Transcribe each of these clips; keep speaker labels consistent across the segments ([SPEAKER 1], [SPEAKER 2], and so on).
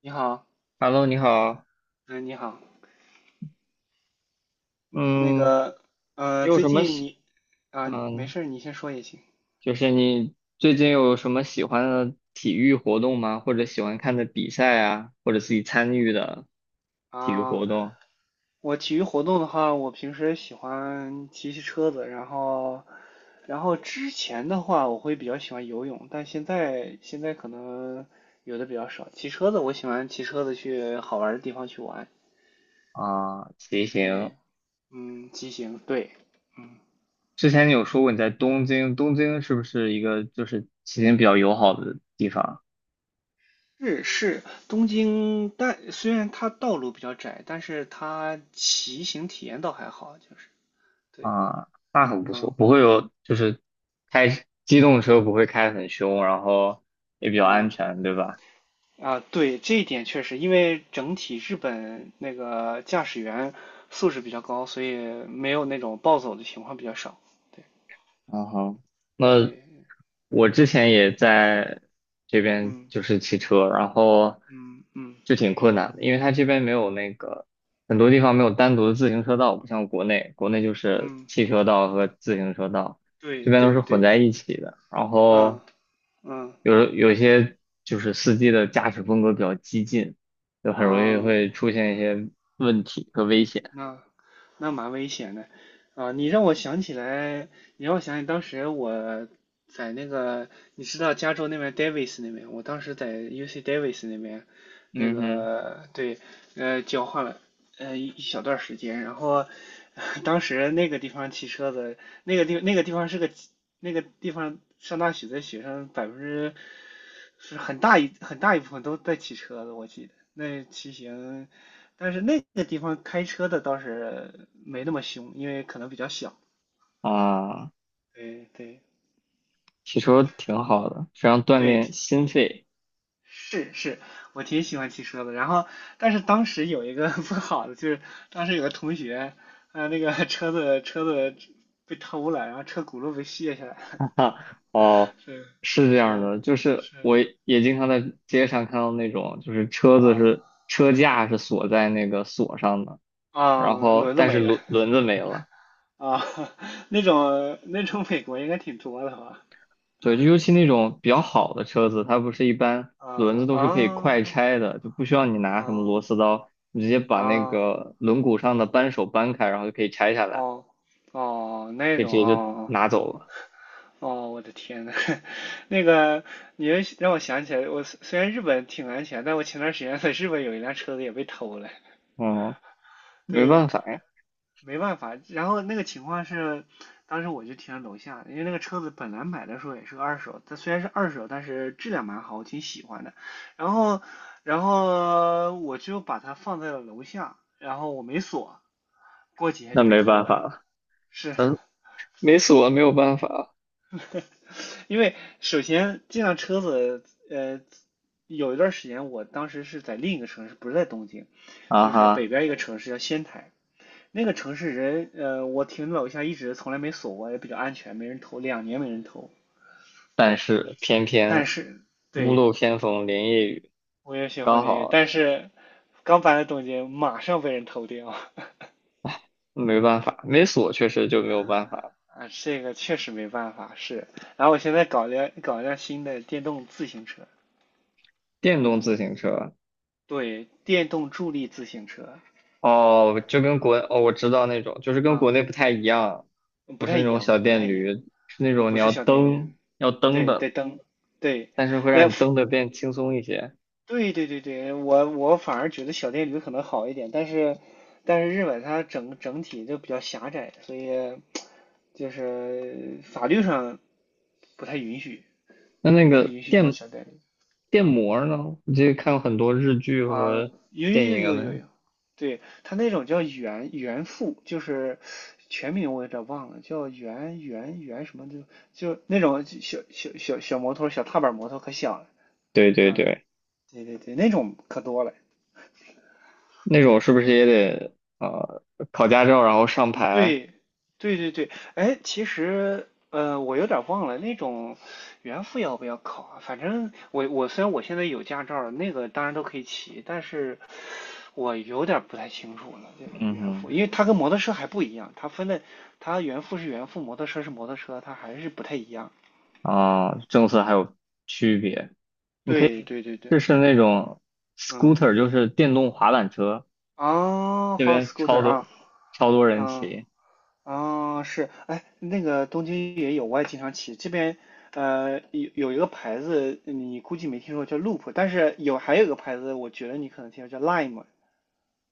[SPEAKER 1] 你好，
[SPEAKER 2] Hello，你好。
[SPEAKER 1] 嗯，你好，那
[SPEAKER 2] 嗯，
[SPEAKER 1] 个，
[SPEAKER 2] 你有
[SPEAKER 1] 最
[SPEAKER 2] 什么
[SPEAKER 1] 近
[SPEAKER 2] 喜，
[SPEAKER 1] 你，啊，没
[SPEAKER 2] 嗯，
[SPEAKER 1] 事儿，你先说也行
[SPEAKER 2] 就是你最近有什么喜欢的体育活动吗？或者喜欢看的比赛啊，或者自己参与的体育
[SPEAKER 1] 啊。
[SPEAKER 2] 活动
[SPEAKER 1] 我体育活动的话，我平时喜欢骑骑车子，然后，之前的话，我会比较喜欢游泳，但现在可能游的比较少。骑车子，我喜欢骑车子去好玩儿的地方去玩。
[SPEAKER 2] 啊，骑行。
[SPEAKER 1] 对，嗯，骑行，对，嗯。
[SPEAKER 2] 之前你有说过你在东京是不是一个就是骑行比较友好的地方
[SPEAKER 1] 是是，东京，但虽然它道路比较窄，但是它骑行体验倒还好，就是对，
[SPEAKER 2] 啊？那很不错，
[SPEAKER 1] 嗯
[SPEAKER 2] 不会有就是开机动车不会开得很凶，然后也比较安
[SPEAKER 1] 嗯
[SPEAKER 2] 全，对吧？
[SPEAKER 1] 啊，对，这一点确实，因为整体日本那个驾驶员素质比较高，所以没有那种暴走的情况比较少。对
[SPEAKER 2] 啊哈，那
[SPEAKER 1] 对，
[SPEAKER 2] 我之前也在这边
[SPEAKER 1] 嗯
[SPEAKER 2] 就是骑车，然后
[SPEAKER 1] 嗯嗯
[SPEAKER 2] 就挺困难的，因为它这边没有那个很多地方没有单独的自行车道，不像国内，国内就是
[SPEAKER 1] 嗯，
[SPEAKER 2] 汽车道和自行车道，这
[SPEAKER 1] 对
[SPEAKER 2] 边都
[SPEAKER 1] 对
[SPEAKER 2] 是混
[SPEAKER 1] 对，
[SPEAKER 2] 在一起的。然
[SPEAKER 1] 嗯
[SPEAKER 2] 后
[SPEAKER 1] 嗯
[SPEAKER 2] 有些就是司机的驾驶风格比较激进，就很容易
[SPEAKER 1] 啊。
[SPEAKER 2] 会出现一些问题和危险。
[SPEAKER 1] 那那蛮危险的啊！你让我想起来，你让我想起当时我在那个，你知道加州那边 Davis 那边，我当时在 UC Davis 那边，那
[SPEAKER 2] 嗯
[SPEAKER 1] 个对，交换了一小段时间，然后当时那个地方骑车子，那个地方是个那个地方上大学的学生百分之是很大一部分都在骑车子，我记得那骑行。但是那地方开车的倒是没那么凶，因为可能比较小。
[SPEAKER 2] 哼，啊。
[SPEAKER 1] 对对
[SPEAKER 2] 骑车挺好的，非常锻
[SPEAKER 1] 对，
[SPEAKER 2] 炼心肺。
[SPEAKER 1] 是是，我挺喜欢骑车的。然后，但是当时有一个 不好的，就是当时有个同学，那个 车子被偷了，然后车轱辘被卸下来了
[SPEAKER 2] 哈，哦，
[SPEAKER 1] 是
[SPEAKER 2] 是这样
[SPEAKER 1] 是
[SPEAKER 2] 的，就是我
[SPEAKER 1] 是，
[SPEAKER 2] 也经常在街上看到那种，就是车子
[SPEAKER 1] 啊
[SPEAKER 2] 是车架是锁在那个锁上的，然
[SPEAKER 1] 啊，
[SPEAKER 2] 后
[SPEAKER 1] 轮子
[SPEAKER 2] 但是
[SPEAKER 1] 没了
[SPEAKER 2] 轮子没了。
[SPEAKER 1] 啊，那种美国应该挺多的吧？
[SPEAKER 2] 对，就尤其那种比较好的车子，它不是一般
[SPEAKER 1] 啊
[SPEAKER 2] 轮子都是
[SPEAKER 1] 啊
[SPEAKER 2] 可以快拆的，就不需要你拿什么
[SPEAKER 1] 啊
[SPEAKER 2] 螺丝刀，你直接把那
[SPEAKER 1] 啊！
[SPEAKER 2] 个轮毂上的扳手扳开，然后就可以拆下来，
[SPEAKER 1] 哦哦，那
[SPEAKER 2] 可以直
[SPEAKER 1] 种
[SPEAKER 2] 接就
[SPEAKER 1] 哦
[SPEAKER 2] 拿走了。
[SPEAKER 1] 哦，我的天呐，那个你让我想起来，我虽然日本挺安全，但我前段时间在日本有一辆车子也被偷了。
[SPEAKER 2] 嗯，没
[SPEAKER 1] 对，
[SPEAKER 2] 办法呀，
[SPEAKER 1] 没办法。然后那个情况是，当时我就停在楼下，因为那个车子本来买的时候也是个二手，它虽然是二手，但是质量蛮好，我挺喜欢的。然后，然后我就把它放在了楼下，然后我没锁，过几天
[SPEAKER 2] 那
[SPEAKER 1] 就被
[SPEAKER 2] 没
[SPEAKER 1] 偷
[SPEAKER 2] 办
[SPEAKER 1] 了。
[SPEAKER 2] 法了，
[SPEAKER 1] 是，
[SPEAKER 2] 嗯，没锁没有办法。
[SPEAKER 1] 因为首先这辆车子，呃，有一段时间，我当时是在另一个城市，不是在东京，
[SPEAKER 2] 啊
[SPEAKER 1] 就是北
[SPEAKER 2] 哈。
[SPEAKER 1] 边一个城市叫仙台。那个城市人，我停楼下一直从来没锁过，也比较安全，没人偷，2年没人偷。
[SPEAKER 2] 但
[SPEAKER 1] 对，
[SPEAKER 2] 是偏
[SPEAKER 1] 但
[SPEAKER 2] 偏
[SPEAKER 1] 是
[SPEAKER 2] 屋
[SPEAKER 1] 对
[SPEAKER 2] 漏偏逢连夜雨，
[SPEAKER 1] 我也学会
[SPEAKER 2] 刚
[SPEAKER 1] 了一个，
[SPEAKER 2] 好
[SPEAKER 1] 但是刚搬来东京，马上被人偷掉。
[SPEAKER 2] 没办法，没锁确实就没有办法。
[SPEAKER 1] 啊，这个确实没办法，是。然后我现在搞辆搞一辆新的电动自行车，
[SPEAKER 2] 电动自行车
[SPEAKER 1] 对，电动助力自行车，啊、
[SPEAKER 2] 哦，就跟
[SPEAKER 1] 嗯、
[SPEAKER 2] 国哦，我知道那种，就是跟
[SPEAKER 1] 啊、
[SPEAKER 2] 国内
[SPEAKER 1] 嗯
[SPEAKER 2] 不太一样，
[SPEAKER 1] 嗯
[SPEAKER 2] 不
[SPEAKER 1] 不
[SPEAKER 2] 是
[SPEAKER 1] 太
[SPEAKER 2] 那
[SPEAKER 1] 一
[SPEAKER 2] 种
[SPEAKER 1] 样，
[SPEAKER 2] 小
[SPEAKER 1] 不太
[SPEAKER 2] 电
[SPEAKER 1] 一样。
[SPEAKER 2] 驴，是那
[SPEAKER 1] 我
[SPEAKER 2] 种
[SPEAKER 1] 不
[SPEAKER 2] 你
[SPEAKER 1] 是
[SPEAKER 2] 要
[SPEAKER 1] 小电甜，
[SPEAKER 2] 蹬要蹬
[SPEAKER 1] 对，
[SPEAKER 2] 的，
[SPEAKER 1] 带灯，对，
[SPEAKER 2] 但是会让
[SPEAKER 1] 那
[SPEAKER 2] 你
[SPEAKER 1] 服
[SPEAKER 2] 蹬的变轻松一些。
[SPEAKER 1] 对对对对，我反而觉得小电驴可能好一点，但是日本它整体就比较狭窄，所以就是法律上不太允许，
[SPEAKER 2] 那那
[SPEAKER 1] 不太
[SPEAKER 2] 个
[SPEAKER 1] 允许装
[SPEAKER 2] 电
[SPEAKER 1] 小电驴
[SPEAKER 2] 电
[SPEAKER 1] 啊。
[SPEAKER 2] 摩儿呢？我记得看过很多日剧
[SPEAKER 1] 啊，
[SPEAKER 2] 和
[SPEAKER 1] 有有
[SPEAKER 2] 电
[SPEAKER 1] 有
[SPEAKER 2] 影
[SPEAKER 1] 有有
[SPEAKER 2] 呢。
[SPEAKER 1] 有，对，他那种叫原付，就是全名我有点忘了，叫原什么的，就那种小小摩托，小踏板摩托可小了，
[SPEAKER 2] 对对
[SPEAKER 1] 嗯，
[SPEAKER 2] 对。
[SPEAKER 1] 对对对，那种可多了。
[SPEAKER 2] 那种是不是也得考驾照，然后上牌？
[SPEAKER 1] 对，对对对，哎，其实我有点忘了那种原付要不要考啊？反正我虽然我现在有驾照了，那个当然都可以骑，但是我有点不太清楚了。这个
[SPEAKER 2] 嗯
[SPEAKER 1] 原
[SPEAKER 2] 哼，
[SPEAKER 1] 付，因为它跟摩托车还不一样，它分的它原付是原付，摩托车是摩托车，它还是不太一样。
[SPEAKER 2] 啊，政策还有区别。你可以
[SPEAKER 1] 对对对对，
[SPEAKER 2] 试试那种
[SPEAKER 1] 嗯，
[SPEAKER 2] scooter，就是电动滑板车，
[SPEAKER 1] 啊，
[SPEAKER 2] 这
[SPEAKER 1] 好
[SPEAKER 2] 边超
[SPEAKER 1] scooter
[SPEAKER 2] 多
[SPEAKER 1] 啊，
[SPEAKER 2] 超多人
[SPEAKER 1] 嗯
[SPEAKER 2] 骑
[SPEAKER 1] 啊，是，哎，那个东京也有，我也经常骑。这边有一个牌子，你估计没听说叫 Loop,但是有还有一个牌子，我觉得你可能听说叫 Lime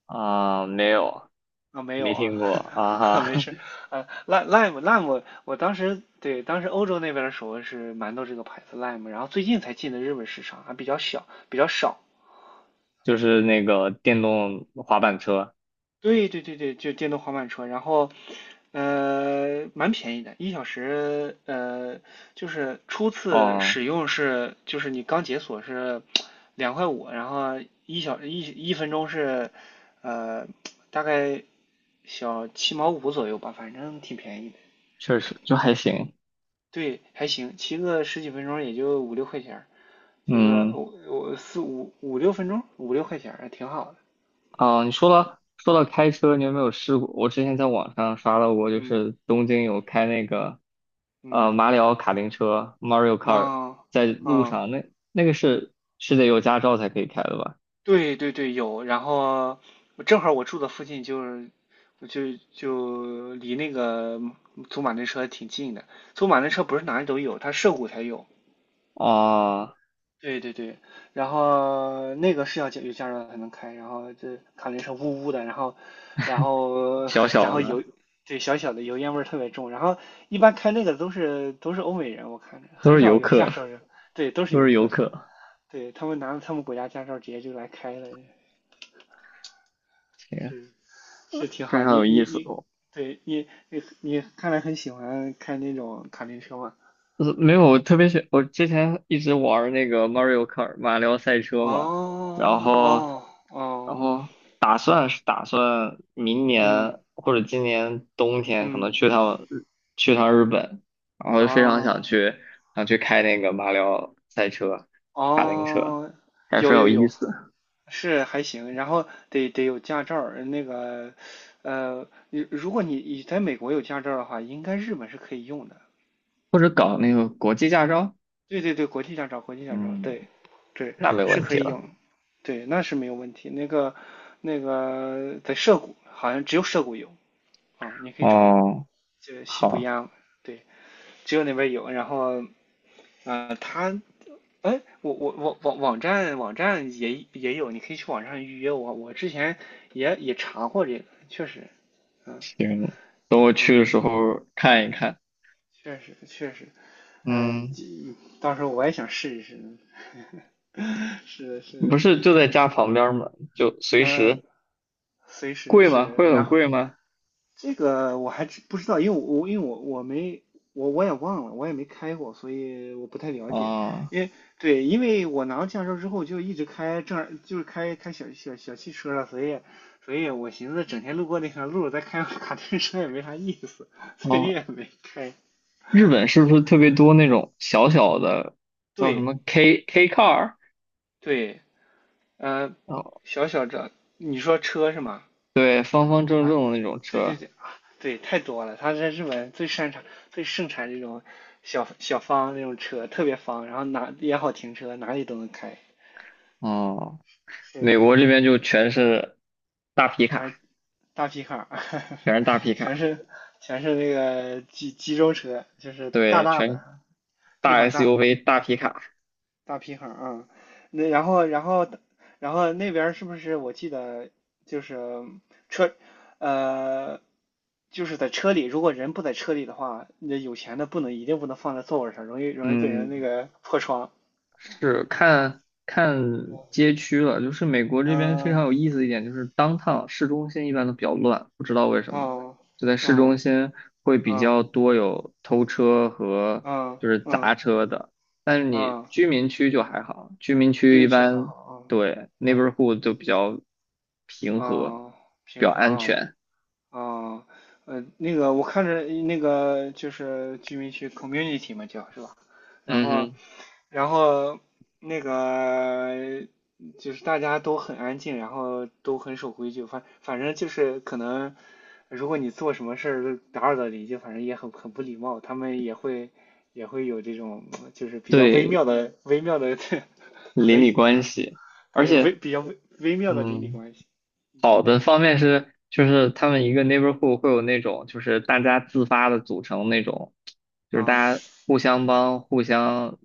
[SPEAKER 2] 啊，没有，
[SPEAKER 1] 啊，没有
[SPEAKER 2] 没
[SPEAKER 1] 啊，
[SPEAKER 2] 听过啊
[SPEAKER 1] 啊没
[SPEAKER 2] 哈，
[SPEAKER 1] 事，啊 Lime，我当时对当时欧洲那边的时候是蛮多这个牌子 Lime,然后最近才进的日本市场，还比较小比较少，
[SPEAKER 2] 就是那个电动滑板车，
[SPEAKER 1] 对对对对，就电动滑板车，然后蛮便宜的，1小时就是初次
[SPEAKER 2] 哦，
[SPEAKER 1] 使用是，就是你刚解锁是2.5块，然后一分钟是呃大概小7毛5左右吧，反正挺便宜的。
[SPEAKER 2] 确实就还行，
[SPEAKER 1] 对，还行，骑个十几分钟也就五六块钱儿，骑个
[SPEAKER 2] 嗯。
[SPEAKER 1] 我四五五六分钟，五六块钱儿还挺好的。
[SPEAKER 2] 啊，你说了说到开车，你有没有试过？我之前在网上刷到过，就
[SPEAKER 1] 嗯
[SPEAKER 2] 是东京有开那个
[SPEAKER 1] 嗯
[SPEAKER 2] 马里奥卡丁车 Mario Kart
[SPEAKER 1] 啊
[SPEAKER 2] 在路
[SPEAKER 1] 啊。
[SPEAKER 2] 上，那个是是得有驾照才可以开的吧？
[SPEAKER 1] 对对对，有。然后我正好我住的附近就是，我就离那个祖马丁车挺近的。祖马丁车不是哪里都有，它涉谷才有。
[SPEAKER 2] 啊，
[SPEAKER 1] 对对对，然后那个是要加有驾照才能开，然后这卡丁车呜呜的，然后然后
[SPEAKER 2] 小
[SPEAKER 1] 然
[SPEAKER 2] 小
[SPEAKER 1] 后油，
[SPEAKER 2] 的
[SPEAKER 1] 对小小的油烟味儿特别重。然后一般开那个都是都是欧美人，我看着
[SPEAKER 2] 都
[SPEAKER 1] 很
[SPEAKER 2] 是
[SPEAKER 1] 少
[SPEAKER 2] 游
[SPEAKER 1] 有
[SPEAKER 2] 客，
[SPEAKER 1] 亚洲人，对，都是
[SPEAKER 2] 都
[SPEAKER 1] 游
[SPEAKER 2] 是游
[SPEAKER 1] 客，
[SPEAKER 2] 客，
[SPEAKER 1] 对他们拿了他们国家驾照直接就来开了。
[SPEAKER 2] 行，
[SPEAKER 1] 是是挺
[SPEAKER 2] 非
[SPEAKER 1] 好。
[SPEAKER 2] 常
[SPEAKER 1] 你
[SPEAKER 2] 有意
[SPEAKER 1] 你
[SPEAKER 2] 思
[SPEAKER 1] 你，
[SPEAKER 2] 哦。
[SPEAKER 1] 对你，看来很喜欢开那种卡丁车嘛？
[SPEAKER 2] 呃没有，我特别喜，我之前一直玩儿那个 Mario Kart 马里奥赛车嘛，然
[SPEAKER 1] 哦
[SPEAKER 2] 后
[SPEAKER 1] 哦
[SPEAKER 2] 然
[SPEAKER 1] 哦，
[SPEAKER 2] 后打算是打算明
[SPEAKER 1] 嗯
[SPEAKER 2] 年或者今年冬天可
[SPEAKER 1] 嗯
[SPEAKER 2] 能去趟日本，然后非常想
[SPEAKER 1] 啊
[SPEAKER 2] 去想去开那个马里奥赛车、卡丁车，
[SPEAKER 1] 哦，
[SPEAKER 2] 还是
[SPEAKER 1] 有
[SPEAKER 2] 有
[SPEAKER 1] 有
[SPEAKER 2] 意
[SPEAKER 1] 有，
[SPEAKER 2] 思，
[SPEAKER 1] 是还行。然后得得有驾照儿，那个如果你在美国有驾照儿的话，应该日本是可以用的。
[SPEAKER 2] 或者搞那个国际驾照，
[SPEAKER 1] 对对对，国际驾照，国际驾照，
[SPEAKER 2] 嗯，
[SPEAKER 1] 对，对，
[SPEAKER 2] 那没
[SPEAKER 1] 是
[SPEAKER 2] 问
[SPEAKER 1] 可
[SPEAKER 2] 题
[SPEAKER 1] 以
[SPEAKER 2] 了。
[SPEAKER 1] 用，对，那是没有问题。那个，那个在涉谷，好像只有涉谷有啊，你可以找找，
[SPEAKER 2] 哦，
[SPEAKER 1] 就西不
[SPEAKER 2] 好，
[SPEAKER 1] 央，对，只有那边有。然后，他，哎，我网站也有，你可以去网上预约我。我之前也查过这个，确实，嗯
[SPEAKER 2] 行，等我去
[SPEAKER 1] 嗯，
[SPEAKER 2] 的时
[SPEAKER 1] 确
[SPEAKER 2] 候看一看。
[SPEAKER 1] 确实确实，嗯、
[SPEAKER 2] 嗯，
[SPEAKER 1] 到时候我也想试一试，是
[SPEAKER 2] 不
[SPEAKER 1] 是
[SPEAKER 2] 是就在家旁边吗？就随
[SPEAKER 1] 嗯、
[SPEAKER 2] 时。
[SPEAKER 1] 随时
[SPEAKER 2] 贵吗？
[SPEAKER 1] 是，
[SPEAKER 2] 会很
[SPEAKER 1] 然后
[SPEAKER 2] 贵吗？
[SPEAKER 1] 这个我还知不知道，因为我没我也忘了，我也没开过，所以我不太了解。
[SPEAKER 2] 啊、
[SPEAKER 1] 因为对，因为我拿到驾照之后就一直开正儿就是开小汽车了，所以我寻思整天路过那条路再开卡丁车也没啥意思，所以
[SPEAKER 2] 哦，
[SPEAKER 1] 也没开。
[SPEAKER 2] 日本是不是特别多那种小小的，叫什
[SPEAKER 1] 对
[SPEAKER 2] 么 K K car？
[SPEAKER 1] 对，呃，
[SPEAKER 2] 哦，
[SPEAKER 1] 这你说车是吗？
[SPEAKER 2] 对，方方正
[SPEAKER 1] 啊，
[SPEAKER 2] 正的那种
[SPEAKER 1] 对对
[SPEAKER 2] 车。
[SPEAKER 1] 对啊，对，太多了。他在日本最擅长、最盛产这种小小方那种车，特别方，然后哪也好停车，哪里都能开，
[SPEAKER 2] 哦，
[SPEAKER 1] 是
[SPEAKER 2] 美国这边就全是大皮
[SPEAKER 1] 全
[SPEAKER 2] 卡，
[SPEAKER 1] 是大皮卡，
[SPEAKER 2] 全是大 皮卡，
[SPEAKER 1] 全是那个集中车，就是大
[SPEAKER 2] 对，
[SPEAKER 1] 大
[SPEAKER 2] 全
[SPEAKER 1] 的，
[SPEAKER 2] 大
[SPEAKER 1] 地方大，
[SPEAKER 2] SUV 大皮卡。
[SPEAKER 1] 大皮行啊，那然后那边儿是不是我记得就是车呃就是在车里，如果人不在车里的话，那有钱的不能一定不能放在座位上，容易被人那
[SPEAKER 2] 嗯，
[SPEAKER 1] 个破窗。
[SPEAKER 2] 是看看街区了，就是美国这边非常有
[SPEAKER 1] 嗯
[SPEAKER 2] 意思的一点就是当趟市中心一般都比较乱，不知道为什么，
[SPEAKER 1] 嗯
[SPEAKER 2] 就在市中
[SPEAKER 1] 嗯
[SPEAKER 2] 心会比
[SPEAKER 1] 嗯
[SPEAKER 2] 较多有偷车和
[SPEAKER 1] 嗯
[SPEAKER 2] 就是
[SPEAKER 1] 嗯
[SPEAKER 2] 砸车的，但是你
[SPEAKER 1] 嗯，
[SPEAKER 2] 居民区就还好，居民区一
[SPEAKER 1] 运气很
[SPEAKER 2] 般
[SPEAKER 1] 好啊，
[SPEAKER 2] 对
[SPEAKER 1] 嗯
[SPEAKER 2] neighborhood 就比较平和，
[SPEAKER 1] 嗯，
[SPEAKER 2] 比较
[SPEAKER 1] 平衡
[SPEAKER 2] 安
[SPEAKER 1] 啊
[SPEAKER 2] 全。
[SPEAKER 1] 哦，那个我看着那个就是居民区 community 嘛叫是吧？然
[SPEAKER 2] 嗯
[SPEAKER 1] 后，
[SPEAKER 2] 哼，
[SPEAKER 1] 然后那个就是大家都很安静，然后都很守规矩，反正就是可能如果你做什么事儿都打扰到邻居，反正也很很不礼貌，他们也会有这种就是比较
[SPEAKER 2] 对，
[SPEAKER 1] 微妙的
[SPEAKER 2] 邻
[SPEAKER 1] 和
[SPEAKER 2] 里
[SPEAKER 1] 谐
[SPEAKER 2] 关
[SPEAKER 1] 啊，
[SPEAKER 2] 系，而
[SPEAKER 1] 对，微
[SPEAKER 2] 且
[SPEAKER 1] 比较微微妙的邻里
[SPEAKER 2] 嗯。
[SPEAKER 1] 关系
[SPEAKER 2] 好的方面是，就是他们一个 neighborhood 会有那种，就是大家自发的组成那种，就是
[SPEAKER 1] 啊，
[SPEAKER 2] 大家互相帮、互相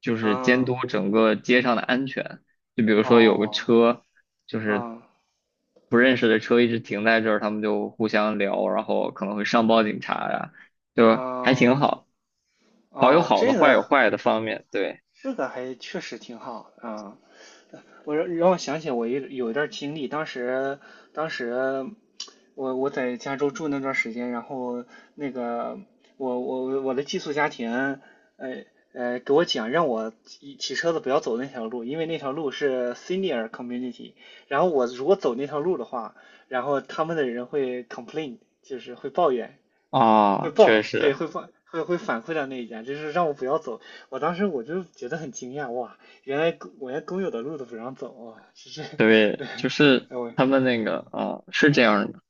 [SPEAKER 2] 就是监
[SPEAKER 1] 嗯，
[SPEAKER 2] 督整个街上的安全。就比如说有个
[SPEAKER 1] 哦。
[SPEAKER 2] 车，就是
[SPEAKER 1] 啊
[SPEAKER 2] 不认识的车一直停在这儿，他们就互相聊，然后可能会上报警察呀，就还挺
[SPEAKER 1] 啊
[SPEAKER 2] 好，好有
[SPEAKER 1] 哦，
[SPEAKER 2] 好的，坏有坏的方面，对
[SPEAKER 1] 这个还确实挺好啊。我让我想起我有一段经历，当时当时我在加州住那段时间，然后那个我的寄宿家庭，呃给我讲让我骑车子不要走那条路，因为那条路是 senior community，然后我如果走那条路的话，然后他们的人会 complain，就是会抱怨，
[SPEAKER 2] 啊，确
[SPEAKER 1] 对，
[SPEAKER 2] 实。
[SPEAKER 1] 会报，会会反馈到那一家，就是让我不要走。当时我就觉得很惊讶，哇，原来公我连工有的路都不让走，哇，这是，
[SPEAKER 2] 对，就 是
[SPEAKER 1] 哎我，
[SPEAKER 2] 他们那个
[SPEAKER 1] 嗯
[SPEAKER 2] 啊，是这
[SPEAKER 1] 嗯
[SPEAKER 2] 样的，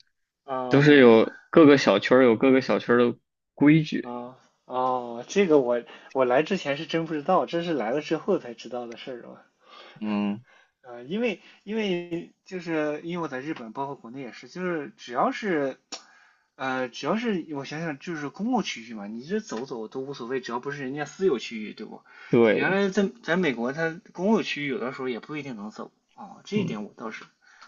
[SPEAKER 2] 都是
[SPEAKER 1] 哦
[SPEAKER 2] 有各个小区儿的规矩。
[SPEAKER 1] 哦哦，这个我来之前是真不知道，这是来了之后才知道的事儿啊。
[SPEAKER 2] 嗯
[SPEAKER 1] 因为我在日本，包括国内也是，就是只要是我想想，就是公共区域嘛，你这走走都无所谓，只要不是人家私有区域，对不？原
[SPEAKER 2] 对，
[SPEAKER 1] 来在美国，它公共区域有的时候也不一定能走啊，
[SPEAKER 2] 嗯，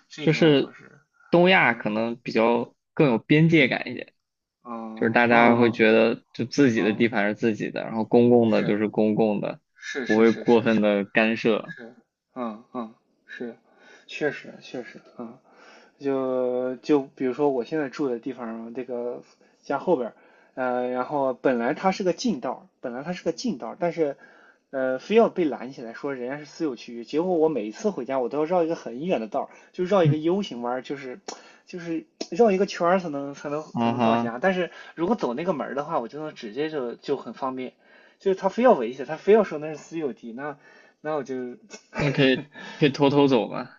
[SPEAKER 1] 这一
[SPEAKER 2] 就
[SPEAKER 1] 点我倒
[SPEAKER 2] 是
[SPEAKER 1] 是，
[SPEAKER 2] 东亚
[SPEAKER 1] 啊，
[SPEAKER 2] 可能比较更有边界
[SPEAKER 1] 嗯，
[SPEAKER 2] 感一点，
[SPEAKER 1] 啊，
[SPEAKER 2] 就是大
[SPEAKER 1] 嗯
[SPEAKER 2] 家会
[SPEAKER 1] 嗯
[SPEAKER 2] 觉得就自己的
[SPEAKER 1] 嗯，
[SPEAKER 2] 地盘是自己的，然后公共的就
[SPEAKER 1] 是
[SPEAKER 2] 是公共的，
[SPEAKER 1] 是
[SPEAKER 2] 不
[SPEAKER 1] 是
[SPEAKER 2] 会
[SPEAKER 1] 是
[SPEAKER 2] 过
[SPEAKER 1] 是
[SPEAKER 2] 分
[SPEAKER 1] 是
[SPEAKER 2] 的干涉。
[SPEAKER 1] 是，嗯嗯，是，确实确实，嗯，就比如说我现在住的地方，这个家后边然后本来它是个近道，但是非要被拦起来说人家是私有区域，结果我每一次回家我都要绕一个很远的道，就绕一个
[SPEAKER 2] 嗯，
[SPEAKER 1] U 型弯，就是绕一个圈才
[SPEAKER 2] 啊
[SPEAKER 1] 能到
[SPEAKER 2] 哈，
[SPEAKER 1] 家，但是如果走那个门的话，我就能直接就很方便，就是他非要围起来，他非要说那是私有地，那我就。呵
[SPEAKER 2] 那可
[SPEAKER 1] 呵
[SPEAKER 2] 以可以偷偷走吗？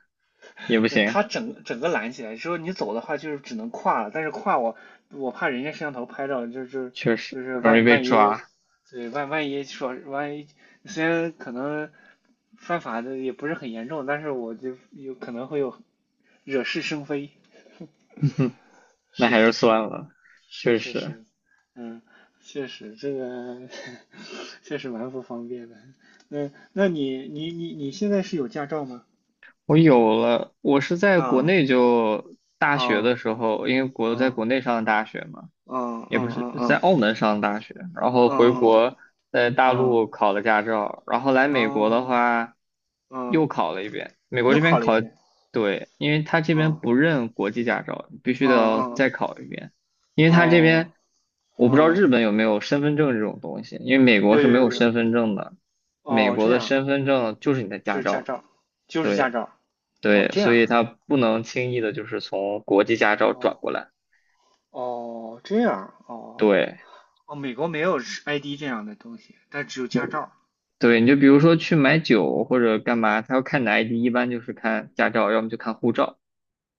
[SPEAKER 2] 也不行，
[SPEAKER 1] 它整个拦起来，之后你走的话就是只能跨了，但是跨我怕人家摄像头拍照，
[SPEAKER 2] 确实
[SPEAKER 1] 就是
[SPEAKER 2] 很容易
[SPEAKER 1] 万
[SPEAKER 2] 被
[SPEAKER 1] 万一，
[SPEAKER 2] 抓，
[SPEAKER 1] 对万一，说万一虽然可能犯法的也不是很严重，但是我就有可能会有惹是生非。
[SPEAKER 2] 那
[SPEAKER 1] 是
[SPEAKER 2] 还
[SPEAKER 1] 是
[SPEAKER 2] 是算了，
[SPEAKER 1] 是，是
[SPEAKER 2] 确
[SPEAKER 1] 是
[SPEAKER 2] 实。
[SPEAKER 1] 是，嗯，确实这个 确实蛮不方便的。那你现在是有驾照吗？
[SPEAKER 2] 我有了，我是在国
[SPEAKER 1] 嗯，
[SPEAKER 2] 内就大学的
[SPEAKER 1] 哦
[SPEAKER 2] 时候，因为国在
[SPEAKER 1] 哦
[SPEAKER 2] 国内上的大学嘛，
[SPEAKER 1] 哦哦
[SPEAKER 2] 也不是
[SPEAKER 1] 哦
[SPEAKER 2] 在
[SPEAKER 1] 哦，
[SPEAKER 2] 澳门上的大学，然后
[SPEAKER 1] 嗯
[SPEAKER 2] 回
[SPEAKER 1] 嗯
[SPEAKER 2] 国
[SPEAKER 1] 嗯
[SPEAKER 2] 在大
[SPEAKER 1] 嗯
[SPEAKER 2] 陆考了驾照，然后来美国的
[SPEAKER 1] 哦
[SPEAKER 2] 话
[SPEAKER 1] 嗯，
[SPEAKER 2] 又考了一遍。美国
[SPEAKER 1] 又
[SPEAKER 2] 这边
[SPEAKER 1] 考了
[SPEAKER 2] 考，
[SPEAKER 1] 一遍。
[SPEAKER 2] 对，因为他这边不
[SPEAKER 1] 哦
[SPEAKER 2] 认国际驾照，必
[SPEAKER 1] 嗯
[SPEAKER 2] 须得要
[SPEAKER 1] 嗯
[SPEAKER 2] 再考一遍，因为他这
[SPEAKER 1] 哦
[SPEAKER 2] 边我不知道
[SPEAKER 1] 嗯，
[SPEAKER 2] 日本有没有身份证这种东西，因为美国
[SPEAKER 1] 有
[SPEAKER 2] 是
[SPEAKER 1] 有
[SPEAKER 2] 没
[SPEAKER 1] 有
[SPEAKER 2] 有
[SPEAKER 1] 有，
[SPEAKER 2] 身份证的，美
[SPEAKER 1] 哦，
[SPEAKER 2] 国
[SPEAKER 1] 这
[SPEAKER 2] 的
[SPEAKER 1] 样，
[SPEAKER 2] 身份证就是你的
[SPEAKER 1] 就
[SPEAKER 2] 驾
[SPEAKER 1] 是驾
[SPEAKER 2] 照。
[SPEAKER 1] 照，就是驾
[SPEAKER 2] 对。
[SPEAKER 1] 照。哦，
[SPEAKER 2] 对，
[SPEAKER 1] 这
[SPEAKER 2] 所
[SPEAKER 1] 样
[SPEAKER 2] 以它不能轻易的就是从国际驾照转
[SPEAKER 1] 哦，
[SPEAKER 2] 过来。
[SPEAKER 1] 哦这样哦，
[SPEAKER 2] 对，
[SPEAKER 1] 哦，美国没有 ID 这样的东西，但只有驾照。
[SPEAKER 2] 对，你就比如说去买酒或者干嘛，他要看你的 ID，一般就是看驾照，要么就看护照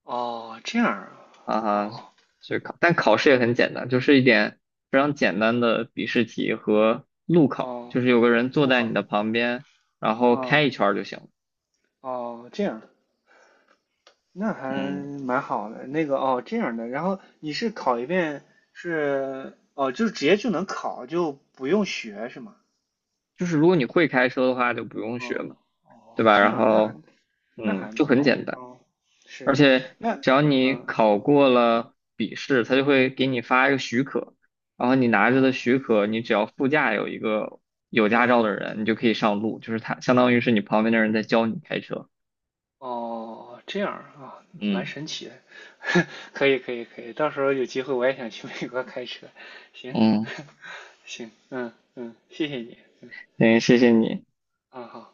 [SPEAKER 1] 哦，这样啊，
[SPEAKER 2] 啊哈。
[SPEAKER 1] 哦
[SPEAKER 2] 所以考，但考试也很简单，就是一点非常简单的笔试题和路考，
[SPEAKER 1] 哦，
[SPEAKER 2] 就是有个人坐
[SPEAKER 1] 路
[SPEAKER 2] 在你
[SPEAKER 1] 考。
[SPEAKER 2] 的旁边，然后开一
[SPEAKER 1] 哦
[SPEAKER 2] 圈儿就行了。
[SPEAKER 1] 哦，这样。那还
[SPEAKER 2] 嗯，
[SPEAKER 1] 蛮好的。那个哦，这样的，然后你是考一遍，是哦，就直接就能考，就不用学是吗？
[SPEAKER 2] 就是如果你会开车的话，就不用学
[SPEAKER 1] 哦
[SPEAKER 2] 嘛，
[SPEAKER 1] 哦，
[SPEAKER 2] 对吧？
[SPEAKER 1] 这
[SPEAKER 2] 然
[SPEAKER 1] 样
[SPEAKER 2] 后，
[SPEAKER 1] 那
[SPEAKER 2] 嗯，
[SPEAKER 1] 还
[SPEAKER 2] 就
[SPEAKER 1] 蛮
[SPEAKER 2] 很
[SPEAKER 1] 好
[SPEAKER 2] 简
[SPEAKER 1] 的
[SPEAKER 2] 单。
[SPEAKER 1] 哦，
[SPEAKER 2] 而
[SPEAKER 1] 是，
[SPEAKER 2] 且
[SPEAKER 1] 那
[SPEAKER 2] 只要你
[SPEAKER 1] 嗯
[SPEAKER 2] 考过了笔试，他就会给你发一个许可，然后你拿着的
[SPEAKER 1] 哦
[SPEAKER 2] 许可，你只要副驾有一个有驾照的
[SPEAKER 1] 嗯
[SPEAKER 2] 人，你就可以上路，就是他相当于是你旁边的人在教你开车。
[SPEAKER 1] 哦，这样啊，蛮
[SPEAKER 2] 嗯，
[SPEAKER 1] 神奇的，可以可以可以，到时候有机会我也想去美国开车，行，
[SPEAKER 2] 嗯，
[SPEAKER 1] 行，嗯嗯，谢谢你，
[SPEAKER 2] 行，谢谢你。
[SPEAKER 1] 啊好。